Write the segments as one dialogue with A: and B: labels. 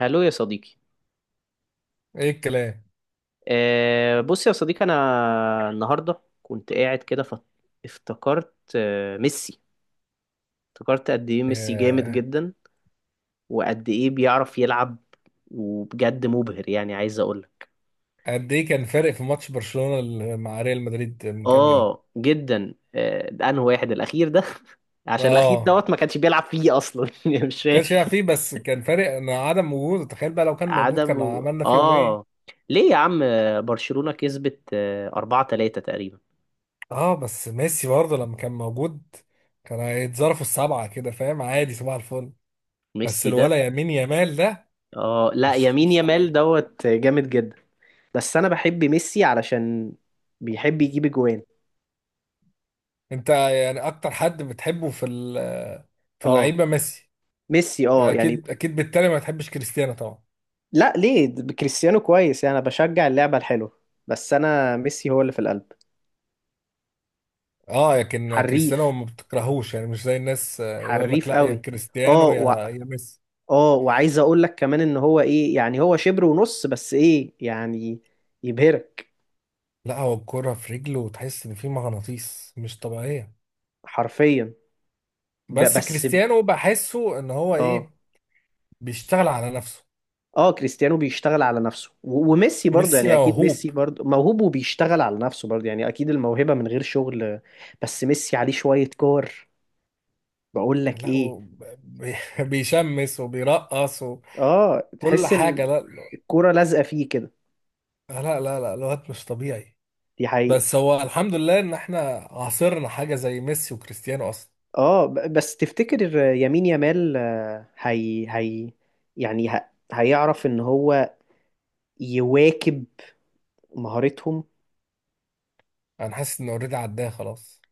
A: هلو يا صديقي.
B: ايه الكلام.
A: أه، بص يا صديقي، انا النهارده كنت قاعد كده افتكرت ميسي. افتكرت قد ايه ميسي جامد
B: ياه.
A: جدا، وقد ايه بيعرف يلعب، وبجد مبهر. يعني عايز اقول لك
B: قد ايه كان فارق في ماتش برشلونة مع ريال مدريد من كام يوم؟
A: اه جدا. ده انه واحد الاخير ده عشان الاخير
B: اه،
A: ما كانش بيلعب فيه اصلا يعني مش
B: ما
A: فاهم
B: كانش يلعب فيه بس كان فارق ان عدم وجوده، تخيل بقى لو كان موجود كان عملنا فيهم
A: اه.
B: ايه.
A: ليه يا عم؟ برشلونة كسبت 4-3 تقريبا.
B: اه بس ميسي برضه لما كان موجود كان هيتظرفوا السبعة كده، فاهم؟ عادي، صباح الفل. بس
A: ميسي ده،
B: الولا يمين يمال ده
A: اه، لا،
B: مش
A: يمين
B: مش
A: يامال
B: طبيعي.
A: جامد جدا. بس انا بحب ميسي علشان بيحب يجيب اجوان.
B: انت يعني اكتر حد بتحبه في في
A: اه،
B: اللعيبة ميسي؟
A: ميسي، اه يعني.
B: اكيد اكيد، بالتالي ما تحبش كريستيانو طبعا.
A: لا ليه، ده كريستيانو كويس. يعني انا بشجع اللعبة الحلوة، بس انا ميسي هو اللي في القلب.
B: اه لكن كريستيانو
A: حريف،
B: ما بتكرهوش يعني، مش زي الناس، يقول لك
A: حريف
B: لا يا
A: قوي. اه
B: كريستيانو
A: و...
B: يا يا ميسي.
A: اه، وعايز اقول لك كمان ان هو ايه، يعني هو شبر ونص بس، ايه يعني، يبهرك،
B: لا، هو الكرة في رجله وتحس ان في مغناطيس، مش طبيعية.
A: حرفيا. ب...
B: بس
A: بس ب-
B: كريستيانو بحسه ان هو
A: اه.
B: ايه، بيشتغل على نفسه.
A: اه كريستيانو بيشتغل على نفسه، وميسي برضه،
B: ميسي
A: يعني اكيد
B: موهوب.
A: ميسي برضه موهوب وبيشتغل على نفسه برضه، يعني اكيد الموهبة من غير شغل. بس ميسي عليه شوية كور. بقول لك
B: لا
A: ايه،
B: هو بي- بيشمس وبيرقص
A: اه،
B: وكل
A: تحس ان
B: حاجة. لا
A: الكورة لازقة فيه كده.
B: لا، لا لا، الواد مش طبيعي.
A: دي حقيقة.
B: بس هو الحمد لله ان احنا عاصرنا حاجة زي ميسي وكريستيانو اصلا.
A: اه، بس تفتكر يمين يامال، هي يعني هيعرف ان هو يواكب مهارتهم؟
B: انا حاسس ان اوريدي عداه خلاص.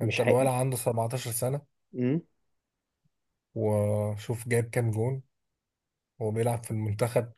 A: مش
B: انت الولد عنده 17 سنة،
A: هي...
B: وشوف جايب كام جون، هو بيلعب في المنتخب.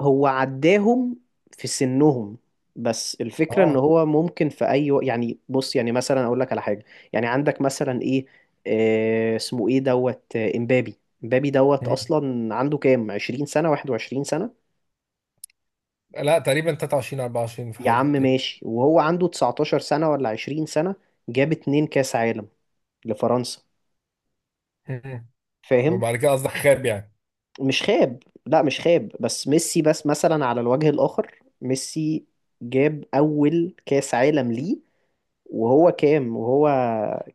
A: هو عداهم في سنهم. بس الفكرة ان
B: اه.
A: هو ممكن في اي وقت، يعني بص، يعني مثلا اقول لك على حاجة. يعني عندك مثلا ايه، آه، اسمه ايه امبابي. امبابي
B: مم.
A: اصلا عنده كام؟ 20 سنة، 21 سنة.
B: لا تقريبا 23 24 في
A: يا عم
B: الحدود دي.
A: ماشي، وهو عنده 19 سنة ولا 20 سنة جاب 2 كاس عالم لفرنسا.
B: مم.
A: فاهم؟
B: وبعد كده قصدك خاب يعني.
A: مش خاب، لا مش خاب، بس ميسي، بس مثلا على الوجه الاخر، ميسي جاب اول كاس عالم ليه وهو كام، وهو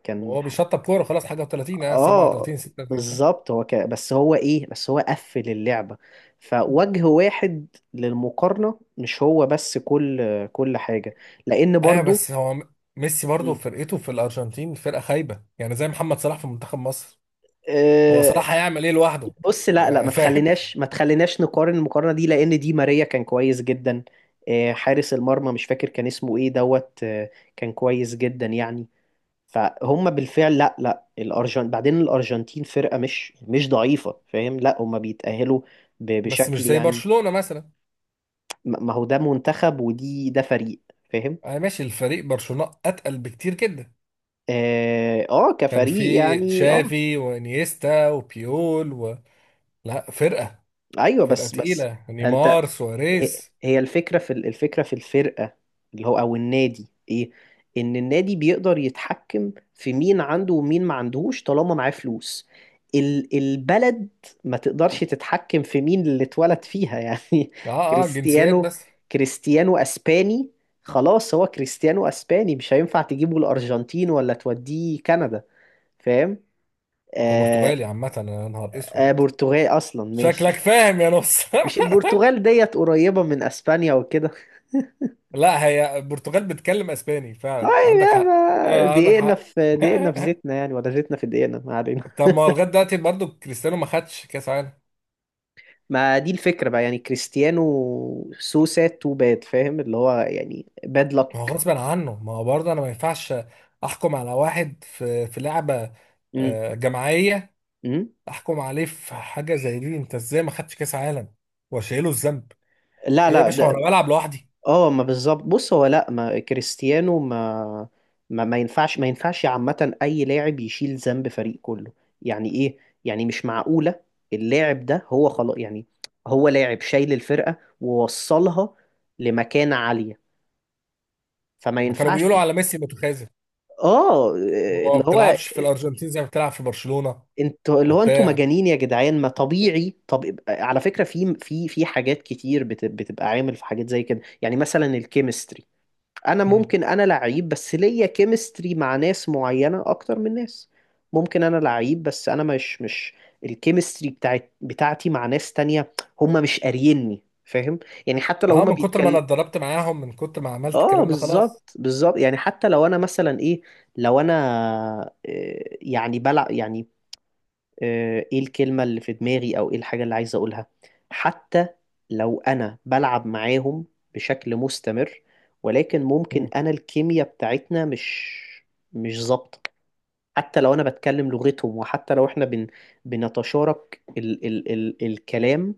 A: كان،
B: هو بيشطب كوره خلاص حاجه، و30 اه
A: اه،
B: 37 36 سنه.
A: بالظبط، هو كان، بس هو ايه، بس هو قفل اللعبة فوجه واحد للمقارنة. مش هو بس، كل حاجة. لأن
B: ايوه
A: برضو،
B: بس هو ميسي برضه
A: مم.
B: فرقته في الارجنتين فرقه خايبه، يعني زي محمد صلاح في منتخب مصر. هو
A: آه،
B: صلاح هيعمل ايه لوحده؟
A: بص، لا لا، ما
B: فاهم.
A: تخليناش ما تخليناش نقارن المقارنة دي، لأن دي ماريا كان كويس جدا. حارس المرمى مش فاكر كان اسمه ايه، دوت آه، كان كويس جدا يعني. فهم بالفعل. لا لا، بعدين الارجنتين فرقه مش ضعيفه، فاهم. لا هم بيتاهلوا
B: بس مش
A: بشكل
B: زي
A: يعني،
B: برشلونه مثلا.
A: ما هو ده منتخب ودي ده فريق، فاهم؟
B: انا ماشي، الفريق برشلونه اتقل بكتير جدا.
A: اه،
B: كان
A: كفريق
B: في
A: يعني، اه.
B: تشافي وانيستا وبيول و... لا فرقه،
A: ايوه،
B: فرقة
A: بس
B: تقيلة،
A: انت.
B: نيمار
A: هي
B: سواريز.
A: هي الفكرة في، الفرقة اللي هو أو النادي، إيه؟ إن النادي بيقدر يتحكم في مين عنده ومين ما عندهوش طالما معاه فلوس. البلد ما تقدرش تتحكم في مين اللي اتولد فيها يعني.
B: اه. اه جنسيات
A: كريستيانو
B: بس.
A: كريستيانو أسباني، خلاص، هو كريستيانو أسباني، مش هينفع تجيبه الأرجنتين ولا توديه كندا. فاهم؟
B: هو
A: آه.
B: برتغالي عامة، يا نهار اسود.
A: آه، برتغال أصلا،
B: شكلك
A: ماشي.
B: فاهم يا نص.
A: مش البرتغال ديت قريبة من أسبانيا وكده؟
B: لا، هي البرتغال بتتكلم اسباني
A: طيب،
B: فعلا، عندك
A: يا
B: حق،
A: ما
B: آه عندك
A: دقيقنا
B: حق.
A: في دقيقنا في زيتنا، يعني، ولا زيتنا في دقيقنا، ما علينا
B: طب ما هو لغايه دلوقتي برضه كريستيانو ما خدش كاس عالم.
A: ما دي الفكرة بقى، يعني كريستيانو، سو ساد تو باد، فاهم، اللي هو يعني باد
B: ما هو
A: لك.
B: غصب عنه، ما هو برضه انا ما ينفعش احكم على واحد في لعبه
A: امم.
B: جماعيه.
A: امم.
B: احكم عليه في حاجه زي دي؟ انت ازاي ما خدش كاس عالم واشيله الذنب؟
A: لا
B: ايه يا
A: لا،
B: باشا، هو
A: ده،
B: انا بلعب لوحدي؟
A: اه، ما بالظبط. بص هو، لا، ما كريستيانو، ما ينفعش ما ينفعش عامة أي لاعب يشيل ذنب فريق كله. يعني إيه؟ يعني مش معقولة. اللاعب ده هو خلاص يعني، هو لاعب شايل الفرقة ووصلها لمكانة عالية، فما
B: ما كانوا
A: ينفعش.
B: بيقولوا على ميسي متخاذل.
A: اه،
B: هو ما
A: اللي هو
B: بتلعبش في الارجنتين زي ما بتلعب في برشلونة.
A: اللي هو انتوا
B: وبتاع.
A: مجانين يا جدعان. ما طبيعي. طب على فكره، في حاجات كتير بتبقى عامل في حاجات زي كده، يعني مثلا الكيمستري. انا
B: مم.
A: ممكن انا لعيب، بس ليا كيمستري مع ناس معينه اكتر من ناس. ممكن انا لعيب، بس انا مش الكيمستري بتاعتي مع ناس تانية هم مش قاريني، فاهم؟ يعني حتى لو
B: اه
A: هم
B: من كتر ما انا
A: بيتكلم.
B: اتدربت معاهم، من كتر ما عملت
A: اه
B: الكلام ده خلاص.
A: بالظبط، بالظبط. يعني حتى لو انا مثلا ايه، لو انا، يعني بلعب يعني، ايه الكلمة اللي في دماغي، او ايه الحاجة اللي عايز اقولها، حتى لو انا بلعب معاهم بشكل مستمر، ولكن ممكن
B: مم.
A: انا الكيمياء بتاعتنا مش ظابطة. حتى لو انا بتكلم لغتهم، وحتى لو احنا بنتشارك الكلام،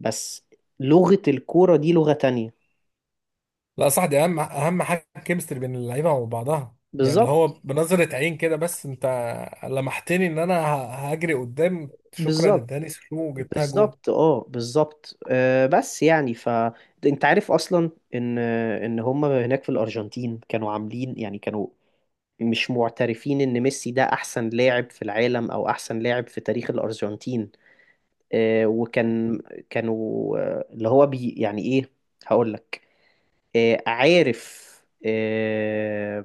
A: بس لغة الكورة دي لغة تانية.
B: لا صح، دي اهم اهم حاجة الكيمستري بين اللعيبة وبعضها. يعني اللي هو
A: بالظبط
B: بنظرة عين كده بس انت لمحتني ان انا هجري قدام، شكرا،
A: بالظبط
B: اداني سلو وجبتها جون.
A: بالظبط اه بالظبط، بس يعني انت عارف اصلا ان هم هناك في الارجنتين كانوا عاملين، يعني كانوا مش معترفين ان ميسي ده احسن لاعب في العالم او احسن لاعب في تاريخ الارجنتين.
B: مم.
A: وكان، كانوا، آه، اللي هو بي يعني ايه، هقول لك، عارف، آه،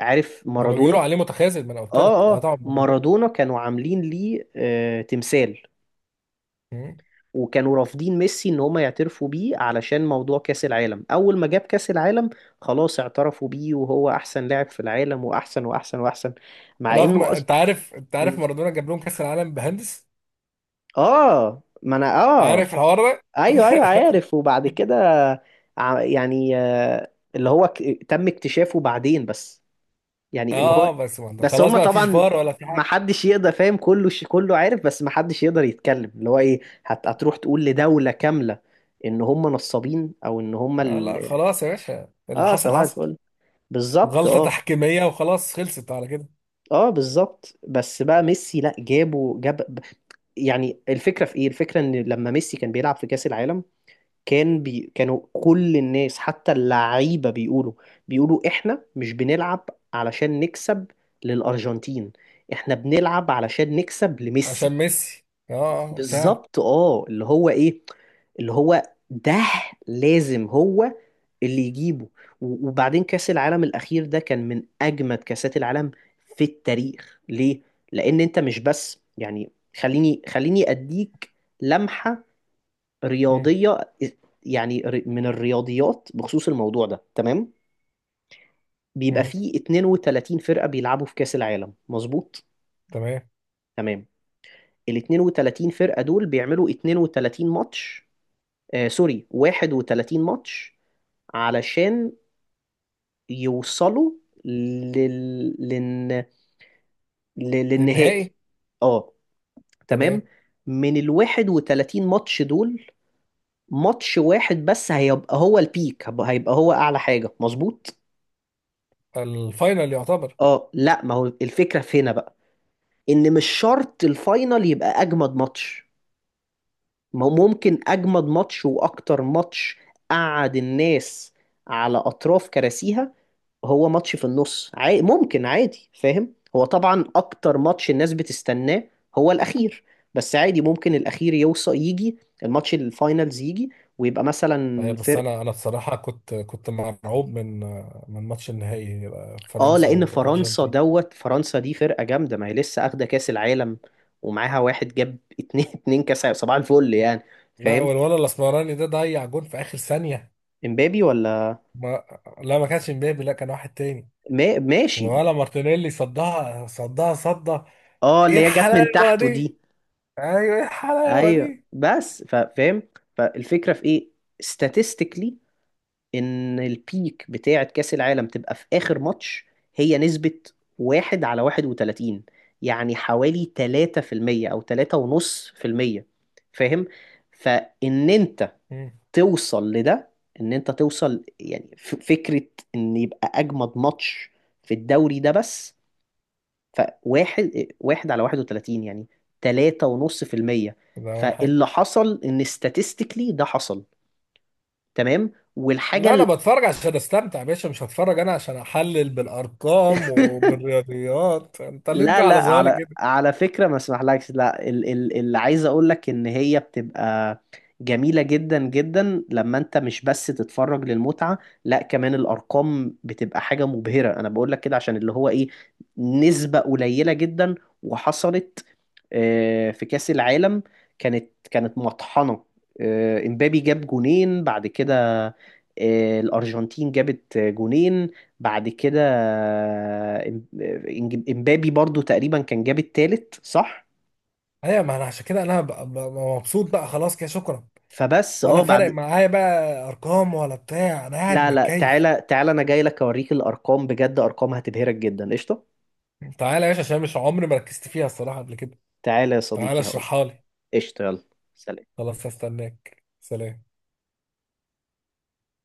A: عارف
B: هما
A: مارادونا.
B: بيقولوا عليه متخاذل، ما انا قلت لك.
A: اه
B: اه
A: اه
B: طبعا مارادونا.
A: مارادونا كانوا عاملين ليه، تمثال،
B: مم.
A: وكانوا رافضين ميسي ان هم يعترفوا بيه، علشان موضوع كأس العالم. اول ما جاب كأس العالم، خلاص، اعترفوا بيه وهو احسن لاعب في العالم، واحسن واحسن واحسن، مع
B: رغم،
A: انه
B: انت عارف، انت عارف
A: مم.
B: مارادونا جاب لهم كاس العالم بهندس،
A: اه، ما انا اه.
B: عارف الحوار ده؟
A: ايوه ايوه، عارف. وبعد كده يعني، اللي هو تم اكتشافه بعدين بس.
B: اه،
A: يعني اللي هو،
B: بس ما انت
A: بس
B: خلاص
A: هم
B: بقى مفيش
A: طبعا
B: فار ولا في
A: ما
B: حاجه.
A: حدش يقدر، فاهم. كله كله عارف، بس ما حدش يقدر يتكلم. اللي هو ايه، هتروح تقول لدولة كاملة ان هم نصابين، او ان هم
B: آه لا خلاص يا باشا، اللي
A: اه.
B: حصل
A: صباح
B: حصل،
A: الفل، بالظبط.
B: غلطه
A: اه
B: تحكيميه وخلاص، خلصت على كده.
A: اه بالظبط. بس بقى ميسي، لا، جاب. يعني الفكرة في ايه، الفكرة ان لما ميسي كان بيلعب في كأس العالم، كانوا كل الناس، حتى اللعيبة، بيقولوا احنا مش بنلعب علشان نكسب للأرجنتين، احنا بنلعب علشان نكسب
B: عشان
A: لميسي.
B: ميسي، اه فعلا.
A: بالظبط، اه، اللي هو ايه، اللي هو ده لازم هو اللي يجيبه. وبعدين كأس العالم الأخير ده كان من أجمد كأسات العالم في التاريخ. ليه؟ لأن أنت مش بس يعني، خليني أديك لمحة
B: مم.
A: رياضية، يعني من الرياضيات بخصوص الموضوع ده. تمام، بيبقى
B: مم.
A: فيه 32 فرقة بيلعبوا في كأس العالم، مظبوط؟
B: تمام.
A: تمام. ال 32 فرقة دول بيعملوا 32 ماتش، آه سوري، 31 ماتش، علشان يوصلوا لل... لل...
B: ده
A: للنهائي.
B: النهائي.
A: اه، تمام.
B: تمام.
A: من ال 31 ماتش دول، ماتش واحد بس هيبقى هو البيك، هيبقى هو أعلى حاجة، مظبوط؟
B: الفاينل يعتبر.
A: اه، لا، ما هو الفكرة في هنا بقى، ان مش شرط الفاينل يبقى اجمد ماتش. ما هو ممكن اجمد ماتش واكتر ماتش قعد الناس على اطراف كراسيها، هو ماتش في النص عادي، ممكن عادي، فاهم؟ هو طبعا اكتر ماتش الناس بتستناه هو الاخير، بس عادي ممكن الاخير يوصل يجي، الماتش الفاينلز يجي، ويبقى
B: آه
A: مثلا
B: بس
A: فرقة،
B: انا بصراحه كنت مرعوب من من ماتش النهائي،
A: اه،
B: فرنسا
A: لان فرنسا،
B: وارجنتين.
A: فرنسا دي فرقه جامده، ما هي لسه اخده كاس العالم، ومعاها واحد جاب 2 2 كاس عالم. صباح الفل، يعني،
B: لا
A: فاهم.
B: والولد الاسمراني ده ضيع جون في اخر ثانيه.
A: امبابي ولا،
B: ما لا، ما كانش مبابي، لا كان واحد تاني.
A: ما ماشي،
B: ولا مارتينيلي، صدها صدها صدها.
A: اه،
B: ايه
A: اللي هي جت من
B: الحلاوه
A: تحته
B: دي.
A: دي.
B: ايوه، ايه الحلاوه
A: ايوه،
B: دي.
A: بس فاهم، فالفكره في ايه، statistically، ان البيك بتاعه كاس العالم تبقى في اخر ماتش، هي نسبه 1/31، يعني حوالي 3% او 3.5%، فاهم. فان انت
B: مم.
A: توصل لده، ان انت توصل يعني فكرة ان يبقى اجمد ماتش في الدوري ده بس، فواحد، واحد على 31، يعني 3.5%.
B: ده اول حاجه.
A: فاللي حصل ان statistically ده حصل، تمام. والحاجة
B: لا انا بتفرج عشان استمتع يا باشا، مش هتفرج انا عشان احلل بالارقام وبالرياضيات، انت ليه
A: لا
B: تجي على
A: لا،
B: ظهري
A: على
B: كده؟
A: فكرة ما اسمحلكش، لا، اللي عايز اقول لك ان هي بتبقى جميلة جدا جدا لما انت مش بس تتفرج للمتعة، لا كمان الارقام بتبقى حاجة مبهرة. انا بقول لك كده عشان اللي هو ايه، نسبة قليلة جدا وحصلت. في كأس العالم كانت مطحنة. امبابي جاب جونين بعد كده، الارجنتين جابت جونين بعد كده، إم- امبابي برضو تقريبا كان جاب التالت، صح؟
B: ايوه، ما انا عشان كده انا مبسوط بقى خلاص كده، شكرا.
A: فبس، اه
B: ولا فارق
A: بعد،
B: معايا بقى، ارقام ولا بتاع، انا قاعد
A: لا لا،
B: متكيف.
A: تعالى انا جاي لك اوريك الارقام، بجد ارقام هتبهرك جدا، قشطه.
B: تعالى يا باشا عشان مش عمري ما ركزت فيها الصراحه قبل كده.
A: تعالى يا
B: تعالى
A: صديقي، هقول،
B: اشرحها لي.
A: قشطه، يلا، سلام.
B: خلاص هستناك، سلام.